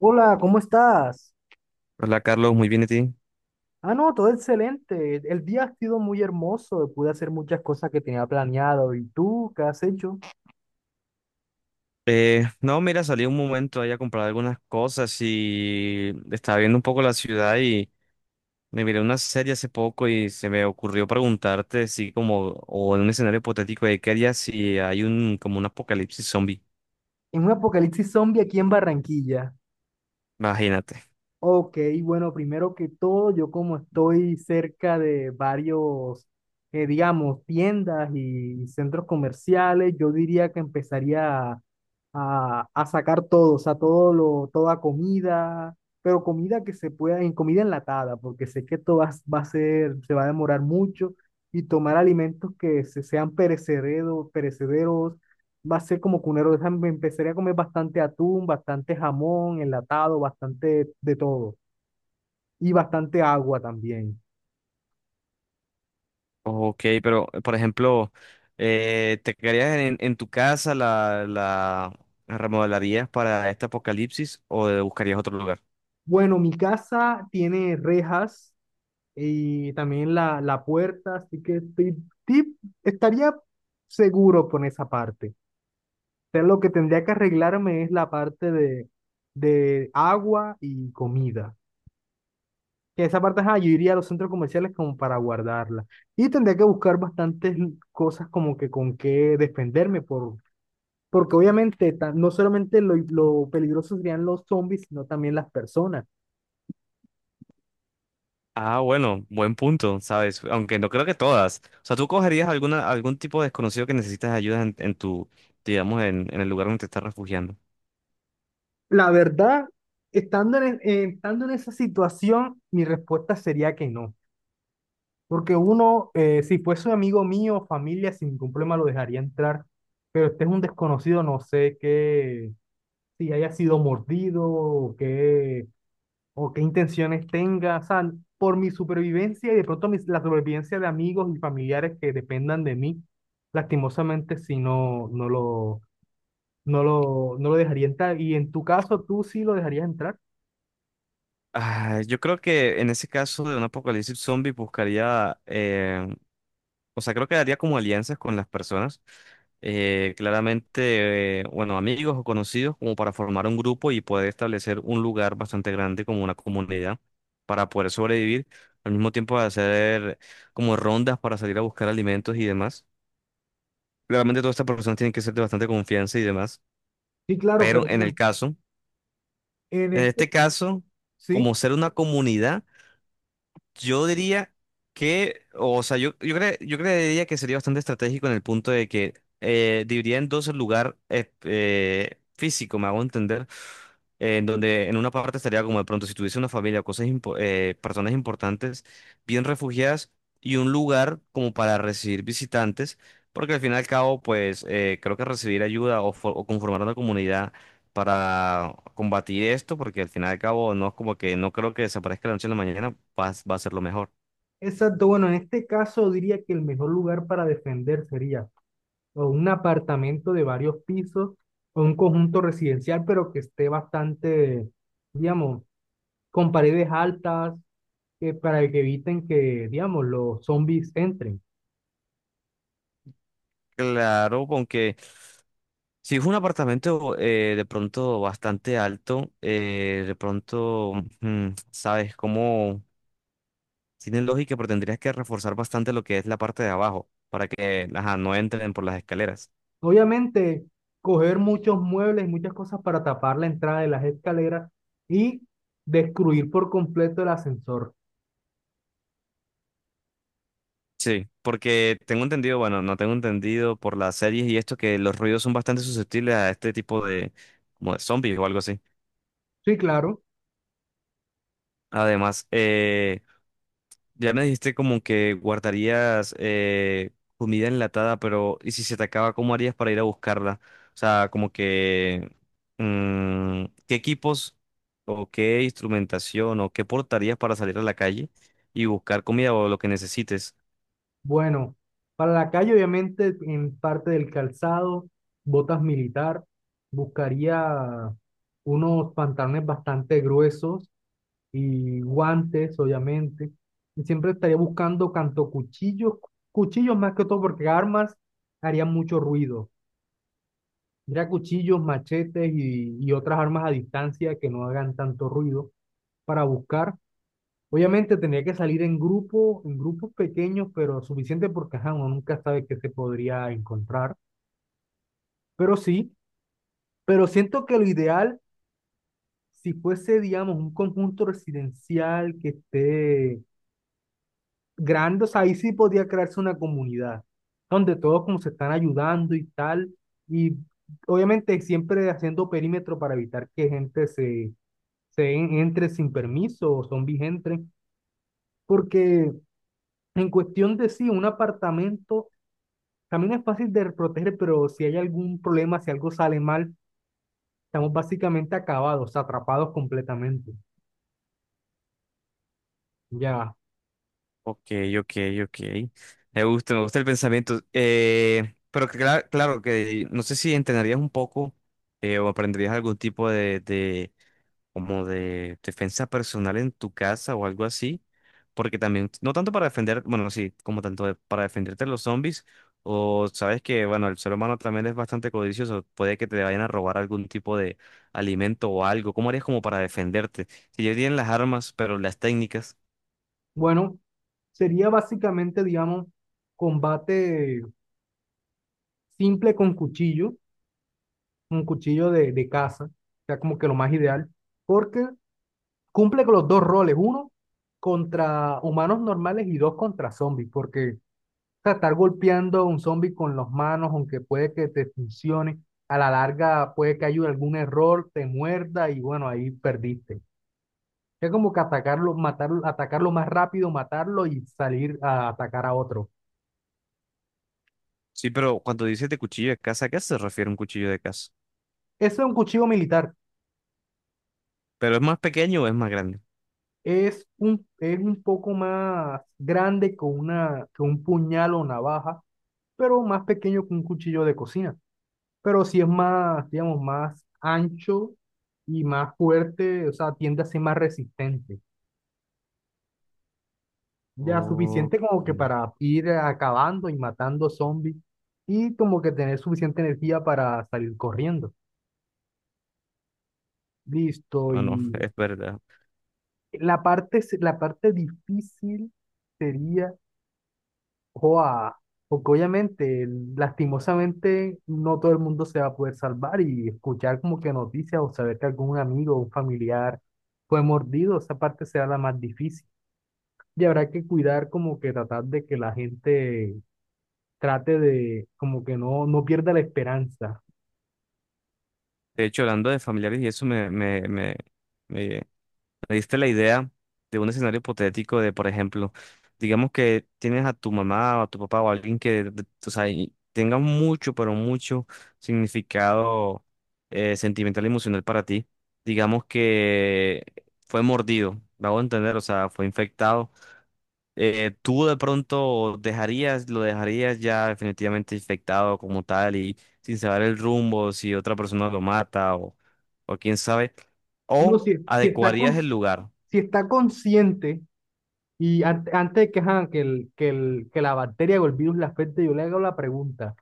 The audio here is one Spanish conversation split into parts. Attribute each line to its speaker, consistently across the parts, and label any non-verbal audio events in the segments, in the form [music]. Speaker 1: Hola, ¿cómo estás?
Speaker 2: Hola Carlos, muy bien, ¿y ti?
Speaker 1: Ah, no, todo excelente. El día ha sido muy hermoso. Pude hacer muchas cosas que tenía planeado. ¿Y tú qué has hecho?
Speaker 2: No, mira, salí un momento ahí a comprar algunas cosas y estaba viendo un poco la ciudad y me miré una serie hace poco y se me ocurrió preguntarte si como, o en un escenario hipotético de qué harías si hay como un apocalipsis zombie,
Speaker 1: En un apocalipsis zombie aquí en Barranquilla.
Speaker 2: imagínate.
Speaker 1: Ok, bueno, primero que todo, yo como estoy cerca de varios, digamos, tiendas y centros comerciales, yo diría que empezaría a, sacar todo, o sea, toda comida, pero comida que se pueda, en comida enlatada, porque sé que esto va a ser, se va a demorar mucho, y tomar alimentos que sean perecederos, perecederos va a ser como cunero de me empezaría a comer bastante atún, bastante jamón, enlatado, bastante de todo. Y bastante agua también.
Speaker 2: Ok, pero por ejemplo, ¿te quedarías en tu casa, la remodelarías para este apocalipsis o buscarías otro lugar?
Speaker 1: Bueno, mi casa tiene rejas y también la puerta, así que ti- estaría seguro con esa parte. Pero lo que tendría que arreglarme es la parte de agua y comida. Que esa parte, ajá, yo iría a los centros comerciales como para guardarla. Y tendría que buscar bastantes cosas como que con qué defenderme, porque obviamente no solamente lo peligroso serían los zombies, sino también las personas.
Speaker 2: Ah, bueno, buen punto, ¿sabes? Aunque no creo que todas. O sea, tú cogerías algún tipo de desconocido que necesitas ayuda en tu, digamos, en el lugar donde te estás refugiando.
Speaker 1: La verdad, estando en esa situación, mi respuesta sería que no. Porque uno, si fuese un amigo mío o familia, sin ningún problema lo dejaría entrar. Pero este es un desconocido, no sé qué, si haya sido mordido o qué intenciones tenga, o sea, por mi supervivencia y de pronto la supervivencia de amigos y familiares que dependan de mí, lastimosamente si no, no lo dejaría entrar. ¿Y en tu caso, tú sí lo dejarías entrar?
Speaker 2: Ah, yo creo que en ese caso de un apocalipsis zombie buscaría. O sea, creo que haría como alianzas con las personas, claramente, bueno, amigos o conocidos, como para formar un grupo y poder establecer un lugar bastante grande como una comunidad para poder sobrevivir, al mismo tiempo hacer como rondas para salir a buscar alimentos y demás. Claramente todas estas personas tienen que ser de bastante confianza y demás,
Speaker 1: Sí, claro, pero
Speaker 2: pero
Speaker 1: bueno, en
Speaker 2: en
Speaker 1: este,
Speaker 2: este caso, como
Speaker 1: ¿sí?
Speaker 2: ser una comunidad. Yo diría que, o sea, yo creería que sería bastante estratégico en el punto de que dividiría en dos el lugar físico, me hago entender, en donde en una parte estaría como de pronto si tuviese una familia o personas importantes, bien refugiadas, y un lugar como para recibir visitantes, porque al fin y al cabo, pues creo que recibir ayuda o conformar una comunidad para combatir esto, porque al final y al cabo no es como que no creo que desaparezca la noche en la mañana, va a ser lo mejor.
Speaker 1: Exacto, bueno, en este caso diría que el mejor lugar para defender sería o un apartamento de varios pisos o un conjunto residencial, pero que esté bastante, digamos, con paredes altas, que para que eviten que, digamos, los zombies entren.
Speaker 2: Claro, aunque si es un apartamento de pronto bastante alto, de pronto, sabes, cómo tiene lógica, pero tendrías que reforzar bastante lo que es la parte de abajo para que ajá, no entren por las escaleras.
Speaker 1: Obviamente, coger muchos muebles y muchas cosas para tapar la entrada de las escaleras y destruir por completo el ascensor.
Speaker 2: Sí, porque tengo entendido, bueno, no tengo entendido por las series y esto que los ruidos son bastante susceptibles a este tipo de, como de zombies o algo así.
Speaker 1: Sí, claro.
Speaker 2: Además, ya me dijiste como que guardarías comida enlatada, pero ¿y si se te acaba, cómo harías para ir a buscarla? O sea, como que ¿qué equipos o qué instrumentación o qué portarías para salir a la calle y buscar comida o lo que necesites?
Speaker 1: Bueno, para la calle, obviamente, en parte del calzado, botas militar, buscaría unos pantalones bastante gruesos y guantes, obviamente. Y siempre estaría buscando tanto cuchillos, cuchillos más que todo, porque armas harían mucho ruido. Mira, cuchillos, machetes y otras armas a distancia que no hagan tanto ruido para buscar. Obviamente tendría que salir en grupo, en grupos pequeños, pero suficiente porque ajá, uno nunca sabe qué se podría encontrar. Pero sí, pero siento que lo ideal, si fuese, digamos, un conjunto residencial que esté grande, o sea, ahí sí podía crearse una comunidad donde todos como se están ayudando y tal, y obviamente siempre haciendo perímetro para evitar que gente se, se en- entre sin permiso o zombies entren, porque en cuestión de sí, un apartamento también es fácil de proteger, pero si hay algún problema, si algo sale mal, estamos básicamente acabados, atrapados completamente. Ya,
Speaker 2: Ok, ok, ok. Me gusta el pensamiento. Pero claro que no sé si entrenarías un poco o aprenderías algún tipo de, como de defensa personal en tu casa o algo así, porque también, no tanto para defender, bueno, sí, como tanto para defenderte de los zombies, o sabes que, bueno, el ser humano también es bastante codicioso, puede que te vayan a robar algún tipo de alimento o algo, ¿cómo harías como para defenderte? Si ya tienen las armas, pero las técnicas.
Speaker 1: bueno, sería básicamente, digamos, combate simple con cuchillo, un cuchillo de caza, o sea, como que lo más ideal, porque cumple con los dos roles, uno contra humanos normales y dos contra zombies, porque o sea, estar golpeando a un zombie con las manos, aunque puede que te funcione, a la larga puede que haya algún error, te muerda y bueno, ahí perdiste. Es como que atacarlo, matarlo, atacarlo más rápido, matarlo y salir a atacar a otro.
Speaker 2: Sí, pero cuando dices de cuchillo de casa, ¿a qué se refiere un cuchillo de casa?
Speaker 1: Eso es un cuchillo militar.
Speaker 2: ¿Pero es más pequeño o es más grande?
Speaker 1: Es un, es un poco más grande que, una, que un puñal o navaja, pero más pequeño que un cuchillo de cocina. Pero sí es más, digamos, más ancho y más fuerte, o sea, tiende a ser más resistente. Ya
Speaker 2: Oh,
Speaker 1: suficiente como que
Speaker 2: mm,
Speaker 1: para ir acabando y matando zombies y como que tener suficiente energía para salir corriendo. Listo,
Speaker 2: ah, no, [laughs]
Speaker 1: y
Speaker 2: es verdad.
Speaker 1: la parte, la parte difícil sería Joa, porque obviamente, lastimosamente, no todo el mundo se va a poder salvar y escuchar como que noticias o saber que algún amigo o un familiar fue mordido, esa parte será la más difícil. Y habrá que cuidar como que tratar de que la gente trate de como que no, no pierda la esperanza.
Speaker 2: De hecho, hablando de familiares y eso me, Me diste la idea de un escenario hipotético de, por ejemplo, digamos que tienes a tu mamá o a tu papá o a alguien que, o sea, y tenga mucho, pero mucho significado sentimental y emocional para ti. Digamos que fue mordido, me hago entender, o sea, fue infectado. Tú de pronto lo dejarías ya definitivamente infectado como tal y sin saber el rumbo, si otra persona lo mata o quién sabe,
Speaker 1: No,
Speaker 2: o
Speaker 1: si está con,
Speaker 2: adecuarías el lugar.
Speaker 1: si está consciente y antes de que, ajá, que, el, que, el, que la bacteria o el virus le afecte, yo le hago la pregunta.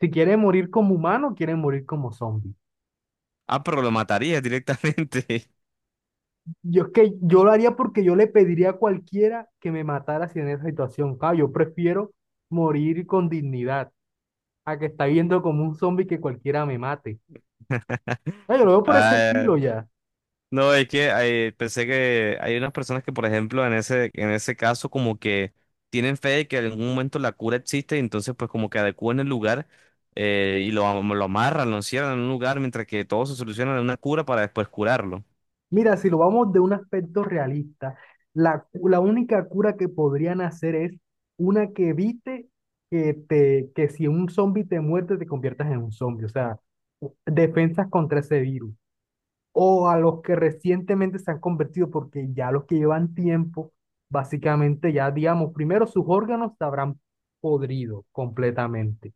Speaker 1: Si quiere morir como humano, o quiere morir como zombie.
Speaker 2: Ah, pero lo matarías directamente. [laughs]
Speaker 1: Yo es que yo lo haría porque yo le pediría a cualquiera que me matara si en esa situación. Claro, yo prefiero morir con dignidad a que está viendo como un zombie que cualquiera me mate. Ah, yo lo veo por ese
Speaker 2: Ah,
Speaker 1: estilo ya.
Speaker 2: no, es que pensé que hay unas personas que, por ejemplo, en ese caso, como que tienen fe de que en algún momento la cura existe y entonces, pues, como que adecúan el lugar y lo amarran, lo encierran en un lugar mientras que todo se soluciona en una cura para después curarlo.
Speaker 1: Mira, si lo vamos de un aspecto realista, la única cura que podrían hacer es una que evite que si un zombie te muerde te conviertas en un zombie. O sea, defensas contra ese virus, o a los que recientemente se han convertido, porque ya los que llevan tiempo, básicamente ya, digamos, primero sus órganos se habrán podrido completamente.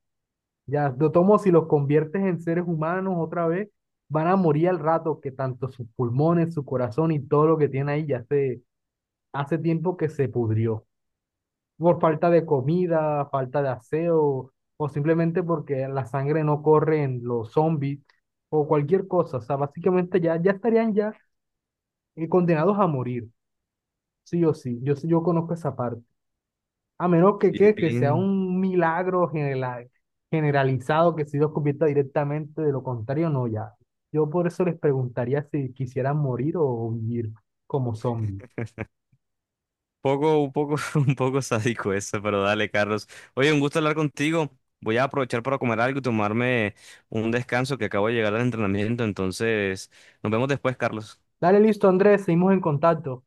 Speaker 1: Ya, de tomo, si los conviertes en seres humanos otra vez, van a morir al rato que tanto sus pulmones, su corazón y todo lo que tiene ahí ya se, hace tiempo que se pudrió. Por falta de comida, falta de aseo, o simplemente porque la sangre no corre en los zombies, o cualquier cosa. O sea, básicamente ya, ya estarían ya condenados a morir, sí o sí, yo, sí, yo conozco esa parte. A menos que,
Speaker 2: Y
Speaker 1: que sea
Speaker 2: bien
Speaker 1: un milagro generalizado, que si los convierta directamente, de lo contrario, no, ya. Yo por eso les preguntaría si quisieran morir o vivir como zombies.
Speaker 2: un poco, [laughs] un poco sádico eso, pero dale, Carlos. Oye, un gusto hablar contigo. Voy a aprovechar para comer algo y tomarme un descanso que acabo de llegar al entrenamiento. Entonces, nos vemos después, Carlos.
Speaker 1: Dale, listo, Andrés, seguimos en contacto.